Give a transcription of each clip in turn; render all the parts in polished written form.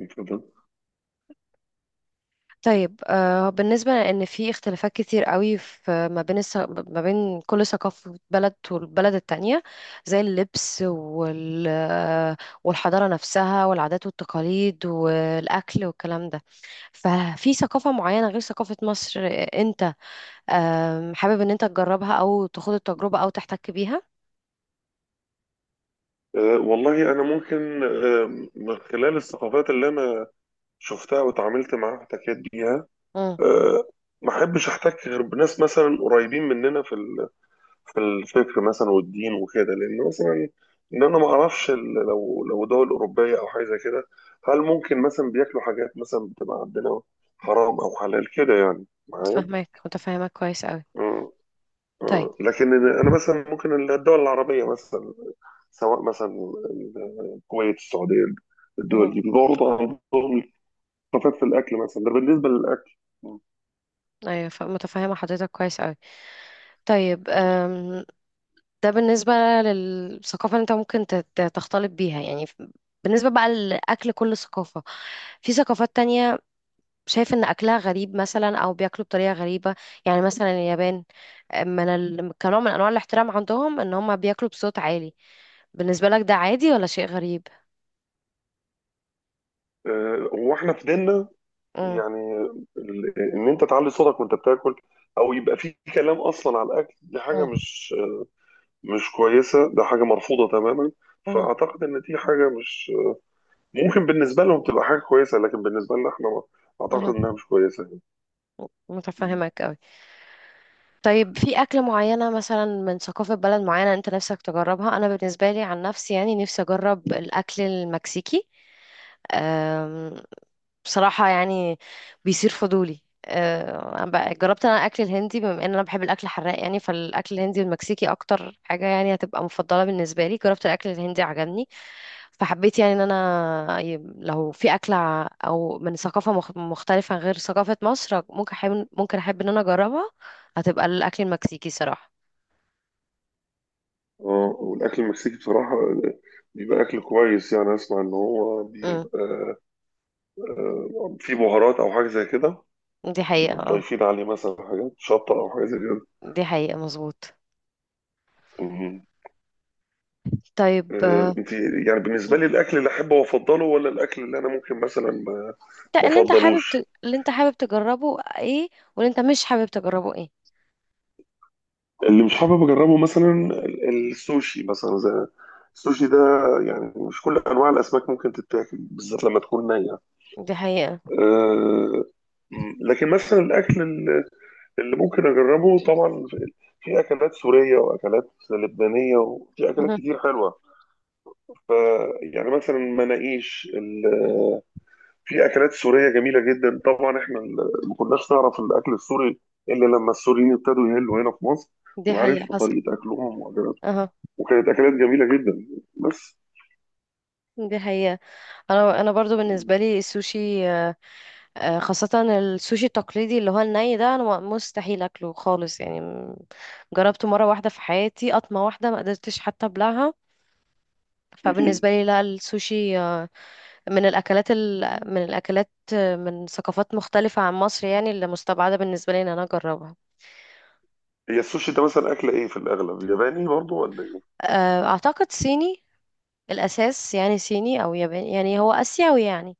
اتفضل. طيب بالنسبة لأن في اختلافات كتير قوي في ما بين كل ثقافة بلد والبلد التانية، زي اللبس والحضارة نفسها والعادات والتقاليد والأكل والكلام ده. ففي ثقافة معينة غير ثقافة مصر، أنت حابب إن أنت تجربها أو تاخد التجربة أو تحتك بيها؟ والله أنا ممكن من خلال الثقافات اللي أنا شفتها وتعاملت معاها واحتكيت بيها، امم أه ما أحبش أحتك غير بناس مثلا قريبين مننا في الفكر مثلا والدين وكده، لأن مثلا إن أنا ما أعرفش لو دول أوروبية أو حاجة زي كده هل ممكن مثلا بياكلوا حاجات مثلا بتبقى عندنا حرام أو حلال كده يعني معايا؟ متفاهمك كويس قوي. أه. طيب. أه. لكن أنا مثلا ممكن الدول العربية مثلا، سواء مثلا الكويت، السعوديه، مهم. الدول دي برضه عندهم الثقافات في الاكل مثلا. ده بالنسبه للاكل. أيوة، متفاهمة حضرتك كويس قوي. طيب، ده بالنسبة للثقافة اللي انت ممكن تختلط بيها يعني، بالنسبة بقى لأكل كل ثقافة، في ثقافات تانية شايف إن أكلها غريب مثلا أو بياكلوا بطريقة غريبة. يعني مثلا اليابان، كنوع من أنواع الاحترام عندهم إن هم بياكلوا بصوت عالي. بالنسبة لك ده عادي ولا شيء غريب؟ واحنا في ديننا، مم. يعني ان انت تعلي صوتك وانت بتاكل او يبقى في كلام اصلا على الاكل، دي حاجه مم. مش كويسه، ده حاجه مرفوضه تماما. مم. فاعتقد ان دي حاجه مش ممكن بالنسبه لهم تبقى حاجه كويسه، لكن بالنسبه لنا احنا مم. اعتقد انها مش كويسه يعني. متفهمك أوي. طيب، في أكلة معينة مثلا من ثقافة بلد معينة أنت نفسك تجربها؟ أنا بالنسبة لي عن نفسي يعني نفسي أجرب الأكل المكسيكي. أم، بصراحة يعني بيصير فضولي، جربت انا الاكل الهندي بما ان انا بحب الاكل الحراق. يعني فالاكل الهندي والمكسيكي اكتر حاجة يعني هتبقى مفضلة بالنسبة لي. جربت الاكل الهندي عجبني. فحبيت يعني ان انا، لو في اكلة او من ثقافة مختلفة غير ثقافة مصر، ممكن احب ان انا اجربها. هتبقى الاكل المكسيكي صراحة. اه، والاكل المكسيكي بصراحه بيبقى اكل كويس، يعني اسمع ان هو امم بيبقى في بهارات او حاجه زي كده، دي حقيقة، بيبقوا اه. ضايفين عليه مثلا حاجات شطه او حاجه زي كده. دي حقيقة، مظبوط. مم. طيب، انت يعني بالنسبه لي الاكل اللي احبه وافضله ولا الاكل اللي انا ممكن مثلا ما انت، ما افضلوش؟ اللي انت حابب تجربه ايه؟ واللي انت مش حابب تجربه ايه؟ اللي مش حابب اجربه مثلا السوشي، مثلا زي السوشي ده، يعني مش كل انواع الاسماك ممكن تتاكل بالذات لما تكون نيه. دي حقيقة. آه، مم. لكن مثلا الاكل اللي ممكن اجربه طبعا في اكلات سوريه واكلات لبنانيه وفي اكلات اها. كتير حلوه. ف يعني مثلا مناقيش في اكلات سوريه جميله جدا. طبعا احنا ما كناش نعرف الاكل السوري الا لما السوريين ابتدوا يهلوا هنا في مصر، دي حقيقة، وعرفنا حصل. طريقه اكلهم واكلاتهم، اها. وكانت اكلات جميله جدا بس. دي حقيقة. انا برضو بالنسبة لي السوشي، خاصة السوشي التقليدي اللي هو الني ده، انا مستحيل اكله خالص يعني، جربته مرة واحدة في حياتي، قطمة واحدة ما قدرتش حتى ابلعها. مم. فبالنسبة لي لا، السوشي، من الأكلات ال... من الأكلات من ثقافات مختلفة عن مصر، يعني اللي مستبعدة بالنسبة لي إن أنا أجربها. هي السوشي ده مثلا اكله ايه في الاغلب؟ ياباني برضو ولا ايه؟ أعتقد صيني الأساس، يعني صيني أو ياباني، يعني هو آسيوي يعني.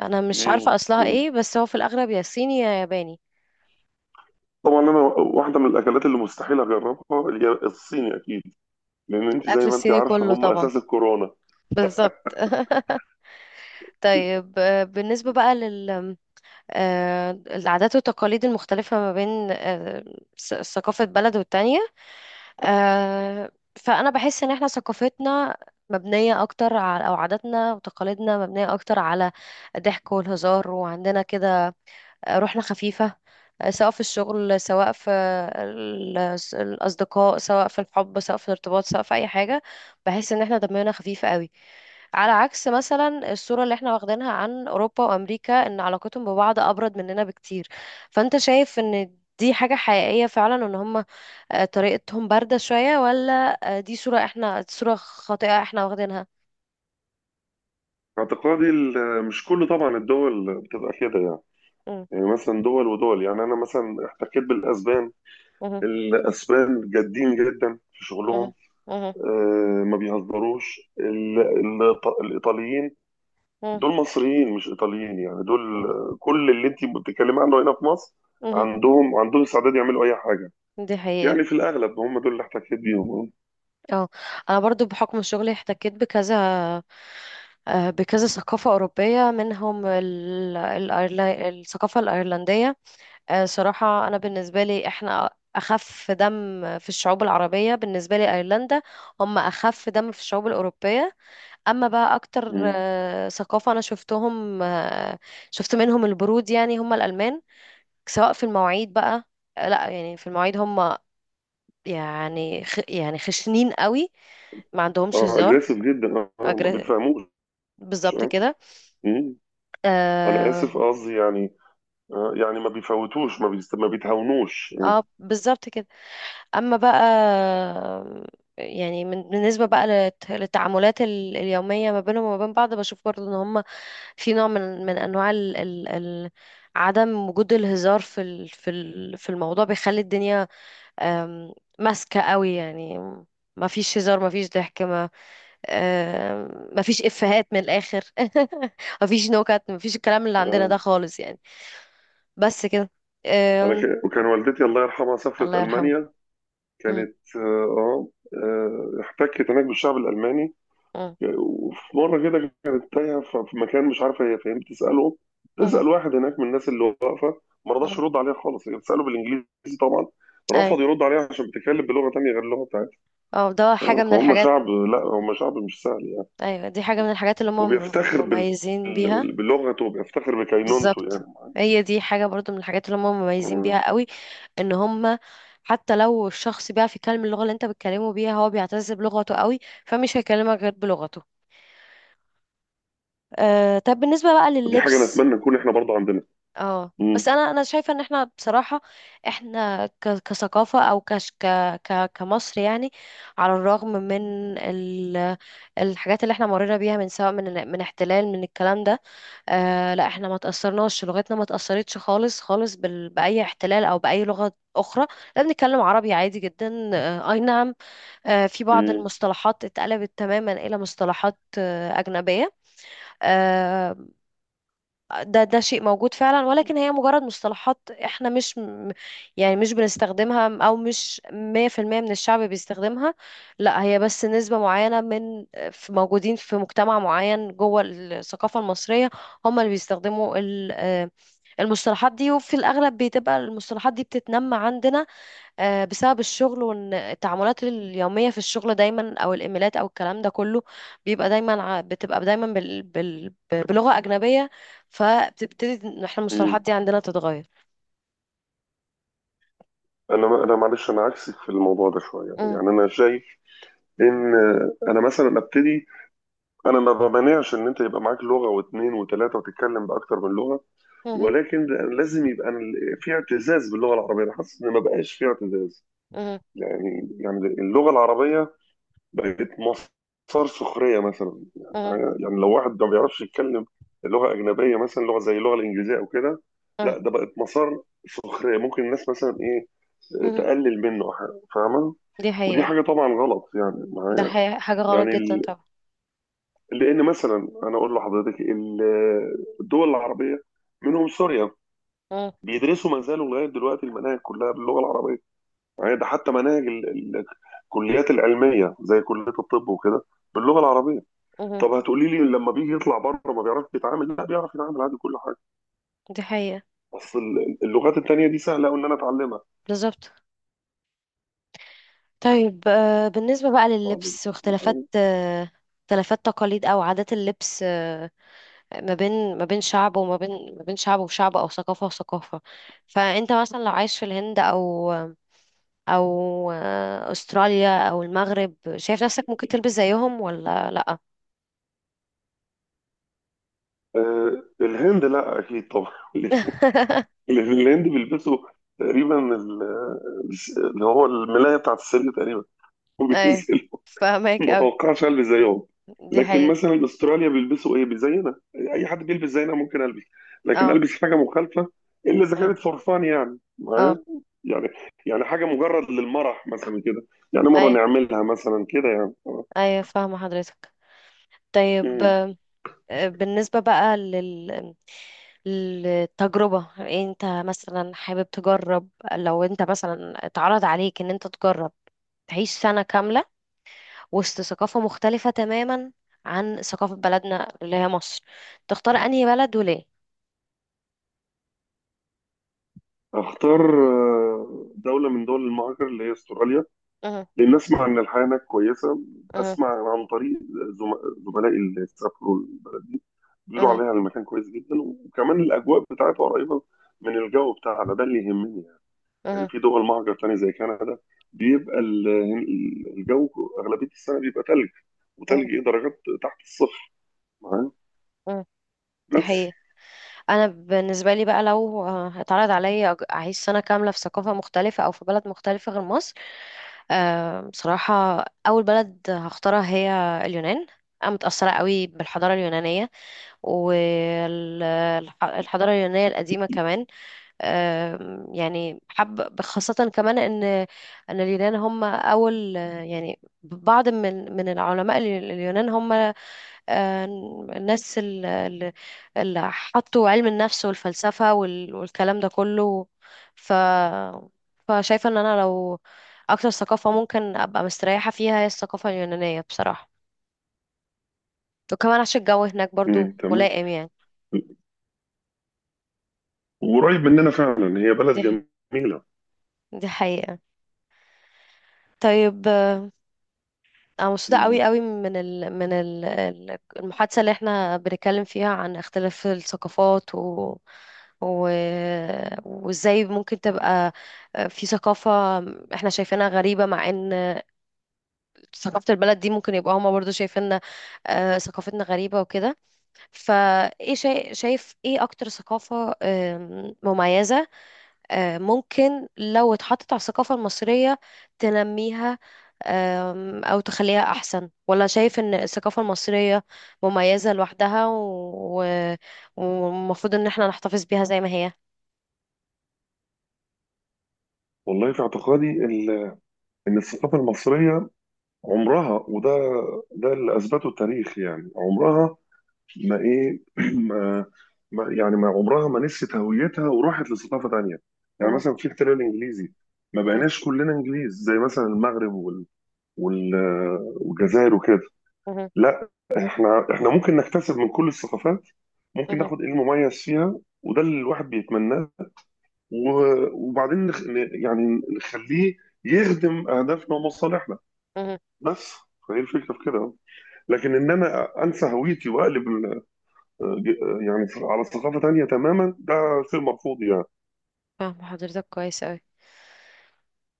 أنا مش مم. عارفة أصلها مم. إيه، بس هو في الأغلب يا صيني يا ياباني. طبعا انا واحده من الاكلات اللي مستحيل اجربها الصيني اكيد، لان انت زي الأكل ما انت الصيني عارفه كله هم طبعا. اساس الكورونا. بالظبط. طيب، آه، بالنسبة بقى لل آه، العادات والتقاليد المختلفة ما بين، ثقافة بلد والتانية، آه، فأنا بحس إن إحنا ثقافتنا مبنية أكتر على، أو عاداتنا وتقاليدنا مبنية أكتر على الضحك والهزار، وعندنا كده روحنا خفيفة. سواء في الشغل، سواء في ال- الأصدقاء، سواء في الحب، سواء في الارتباط، سواء في أي حاجة. بحس إن احنا دمنا خفيف قوي، على عكس مثلا الصورة اللي احنا واخدينها عن أوروبا وأمريكا، إن علاقتهم ببعض أبرد مننا بكتير. فأنت شايف إن دي حاجة حقيقية فعلا، إن هم، طريقتهم باردة شوية؟ ولا دي صورة، احنا صورة خاطئة احنا واخدينها؟ اعتقادي مش كل طبعا الدول بتبقى كده يعني. مم. يعني مثلا دول ودول، يعني انا مثلا احتكيت بالاسبان، مهم. الاسبان جادين جدا في مهم. شغلهم، مهم. ما بيهزروش الايطاليين، مهم. دول مصريين مش ايطاليين، يعني دول كل اللي انت بتتكلمي عنه هنا في مصر مهم. عندهم استعداد يعملوا اي حاجه. دي حقيقة، يعني في الاغلب هم دول اللي احتكيت بيهم. اه. اه. انا برضو بحكم شغلي احتكيت بكذا، بكذا ثقافة أوروبية، منهم الثقافة الأيرلندية. صراحة أنا بالنسبة لي، إحنا أخف دم في الشعوب العربية. بالنسبة لي، أيرلندا هم أخف دم في الشعوب الأوروبية. أما بقى أكتر مم. ثقافة أنا شفتهم، شفت منهم البرود، يعني هم الألمان. سواء في المواعيد بقى. لا يعني في المواعيد هم يعني خشنين قوي، ما عندهمش اه، هزار. اجريسيف جدا، اه ما أجر... بيتفهموش. بالظبط آه. كده. مم. انا اه، اسف، قصدي يعني يعني ما بيفوتوش، ما بيتهاونوش. بالظبط كده. اما بقى يعني، بالنسبه بقى للتعاملات اليوميه ما بينهم وما بين بعض، بشوف برضو ان هم في نوع من انواع عدم وجود الهزار في الموضوع بيخلي الدنيا، آم، ماسكه قوي يعني. ما فيش هزار، ما فيش ضحك، مفيش إفيهات من الآخر. مفيش نكت، مفيش الكلام اللي عندنا ده آه. خالص يعني. بس كده. آم، وكان والدتي الله يرحمها سافرت الله يرحمه. المانيا، مم. كانت احتكت هناك بالشعب الالماني. مم. وفي مره كده كانت تايهه في مكان مش عارفه هي فين، بتساله، مم. تسال واحد هناك من الناس اللي واقفه، ما رضاش مم. يرد عليها خالص. هي بتساله بالانجليزي طبعا، أي. رفض يرد عليها عشان بتتكلم بلغه تانيه غير اللغه بتاعتها. اه، ده حاجة من فهم الحاجات. شعب، لا هم شعب مش سهل يعني، أيوة، دي حاجة من الحاجات اللي هم وبيفتخر مميزين بيها. بلغته، وبيفتخر بكينونته بالظبط. يعني. هي دي حاجة برضو من الحاجات اللي هم مميزين آه، بيها قوي. ان هم، حتى لو الشخص بيعرف يتكلم اللغة اللي انت بتكلمه بيها، هو بيعتز بلغته قوي. فمش هيكلمك غير بلغته. طب، بالنسبة بقى دي حاجه لللبس. نتمنى نكون احنا برضه عندنا. اه، بس امم انا شايفه ان احنا بصراحه، احنا كثقافه، او كش ك ك كمصر يعني، على الرغم من الحاجات اللي احنا مرينا بيها، من سواء من احتلال، من الكلام ده. لا، احنا ما تاثرناش، لغتنا ما تاثرتش خالص خالص باي احتلال او باي لغه اخرى. لا، بنتكلم عربي عادي جدا. اي نعم، في بعض المصطلحات اتقلبت تماما الى مصطلحات اجنبيه. آه، ده شيء موجود فعلا، ولكن هي مجرد مصطلحات، احنا مش يعني مش بنستخدمها، او مش 100% من الشعب بيستخدمها. لا، هي بس نسبة معينة من، في موجودين في مجتمع معين جوه الثقافة المصرية، هم اللي بيستخدموا المصطلحات دي. وفي الأغلب بتبقى المصطلحات دي بتتنمى عندنا، بسبب الشغل، وان التعاملات اليوميه في الشغل دايما، او الايميلات او الكلام ده كله، بتبقى دايما بلغه اجنبيه. فبتبتدي إن احنا المصطلحات امم دي عندنا تتغير. انا معلش انا عكسك في الموضوع ده شويه، مم. يعني انا شايف ان انا مثلا ابتدي، انا ما بمانعش ان انت يبقى معاك لغه واثنين وثلاثه وتتكلم باكتر من لغه، مم. ولكن لازم يبقى في اعتزاز باللغه العربيه. انا حاسس ان ما بقاش في اعتزاز، مم. يعني اللغه العربيه بقت مصدر سخريه مثلا. مم. يعني لو واحد ما بيعرفش يتكلم لغه اجنبيه، مثلا لغه زي اللغه الانجليزيه او كده، مم. لا ده بقت مسار سخريه، ممكن الناس مثلا ايه مم. تقلل منه، فاهمه. دي ودي حقيقه. حاجة طبعا غلط يعني ده معايا. حقيقة، حاجه غلط يعني جدا طبعا. لأن مثلا أنا أقول لحضرتك الدول العربية منهم سوريا، مم. بيدرسوا ما زالوا لغاية دلوقتي المناهج كلها باللغة العربية. يعني ده حتى مناهج الكليات العلمية زي كلية الطب وكده باللغة العربية. مم. طب هتقولي لي لما بيجي يطلع بره ما بيعرفش يتعامل؟ لا بيعرف يتعامل عادي كل حاجة، دي حقيقه. بس اللغات التانية دي سهلة أوي إن أنا أتعلمها، بالظبط. طيب، بالنسبه بقى لللبس، واختلافات، معايا؟ اختلافات تقاليد او عادات اللبس، ما بين شعب، وما بين ما بين شعب وشعب، او ثقافة وثقافة. فانت مثلا لو عايش في الهند او استراليا او المغرب، شايف نفسك ممكن تلبس زيهم ولا لا؟ الهند لا أكيد طبعا. اللي في الهند بيلبسوا تقريبا اللي هو الملاية بتاعت السرير تقريبا، ايه، وبينزلوا. فاهمك ما قوي. اتوقعش البس زيهم. دي لكن حقيقة. مثلا استراليا بيلبسوا ايه؟ زينا، اي حد بيلبس زينا ممكن البس، لكن اه. البس حاجه مخالفه الا اذا ايه. كانت فرفان، يعني اه. معايا، يعني يعني حاجه مجرد للمرح مثلا كده، يعني مره ايه. نعملها مثلا كده يعني. ايه، فاهمة حضرتك. طيب، مم. بالنسبة بقى للتجربة، انت مثلا حابب تجرب؟ لو انت مثلا اتعرض عليك ان انت تجرب تعيش سنة كاملة وسط ثقافة مختلفة تماما عن ثقافة بلدنا اللي هي مصر، تختار انهي بلد وليه؟ اختار دوله من دول المهاجر اللي هي استراليا، مه. لأن أسمع إن الحياة هناك كويسة. مه. أسمع عن طريق زملائي اللي سافروا البلد دي بيقولوا مه. عليها المكان كويس جدا، وكمان الأجواء بتاعتها قريبة من الجو بتاعنا، ده اللي يهمني يعني. يعني مه. في دول مهجر تاني زي كندا بيبقى الجو أغلبية السنة بيبقى تلج، مه. وتلج درجات تحت الصفر، معايا، مه. دي بس. حقيقة. انا بالنسبة لي بقى، لو اتعرض عليا اعيش سنة كاملة في ثقافة مختلفة، او في بلد مختلفة غير مصر، بصراحة أول بلد هختارها هي اليونان. أنا متأثرة قوي بالحضارة اليونانية، والحضارة اليونانية القديمة كمان. يعني حب خاصة كمان إن اليونان هم أول، يعني بعض من العلماء ال- اليونان هم آه، الناس ال- ال- اللي حطوا علم النفس والفلسفة والكلام ده كله. ف فشايفة ان انا، لو اكتر ثقافة ممكن ابقى مستريحة فيها هي الثقافة اليونانية بصراحة. وكمان عشان الجو هناك برضو مم، تمام. ملائم يعني. وقريب مننا فعلا، هي بلد دي جميلة. دي حقيقة. طيب. أنا مبسوطة مم. قوي قوي من المحادثة اللي احنا بنتكلم فيها عن اختلاف الثقافات، و... وازاي ممكن تبقى في ثقافة احنا شايفينها غريبة، مع ان ثقافة البلد دي ممكن يبقى هما برضو شايفيننا ثقافتنا غريبة وكده. فايه، شايف ايه اكتر ثقافة مميزة، ممكن لو اتحطت على الثقافة المصرية تنميها؟ أو تخليها أحسن؟ ولا شايف إن الثقافة المصرية مميزة لوحدها، والمفروض إن احنا نحتفظ بيها زي ما هي؟ والله في اعتقادي إن الثقافة المصرية عمرها، ده اللي اثبته التاريخ، يعني عمرها ما ايه ما ما عمرها ما نسيت هويتها وراحت لثقافه تانيه. يعني مهم. مثلا في احتلال انجليزي، ما مهم. بقيناش كلنا انجليز زي مثلا المغرب وال والجزائر وكده. مهم. لا احنا ممكن نكتسب من كل الثقافات، ممكن مهم. ناخد المميز فيها، وده اللي الواحد بيتمناه، وبعدين يعني نخليه يخدم اهدافنا ومصالحنا مهم. بس. فهي الفكره في كده. لكن ان انا انسى هويتي واقلب ج- يعني على ثقافه تانية تماما، ده شيء مرفوض يعني. فاهمة حضرتك كويس أوي.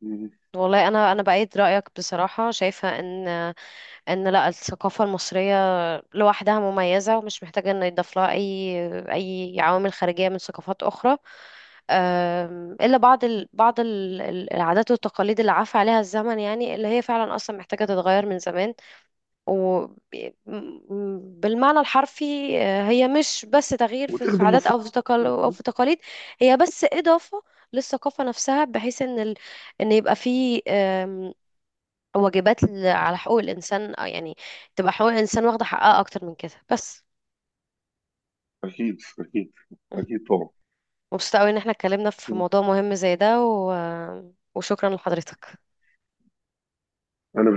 مم. والله، أنا بأيد رأيك بصراحة، شايفة إن، لا، الثقافة المصرية لوحدها مميزة، ومش محتاجة ان يضاف لها اي عوامل خارجية من ثقافات اخرى. الا بعض العادات والتقاليد اللي عفى عليها الزمن، يعني اللي هي فعلا اصلا محتاجة تتغير من زمان. وبالمعنى الحرفي، هي مش بس تغيير في وتخدم عادات، مصالح. او في تقاليد. هي بس اضافة للثقافة نفسها، بحيث ان يبقى في، واجبات على حقوق الانسان، يعني تبقى حقوق الانسان واخده حقها اكتر من كده، بس. اكيد اكيد اكيد طبعا. مبسوطه قوي ان احنا اتكلمنا في مم. موضوع مهم زي ده، وشكرا لحضرتك. انا بالتالي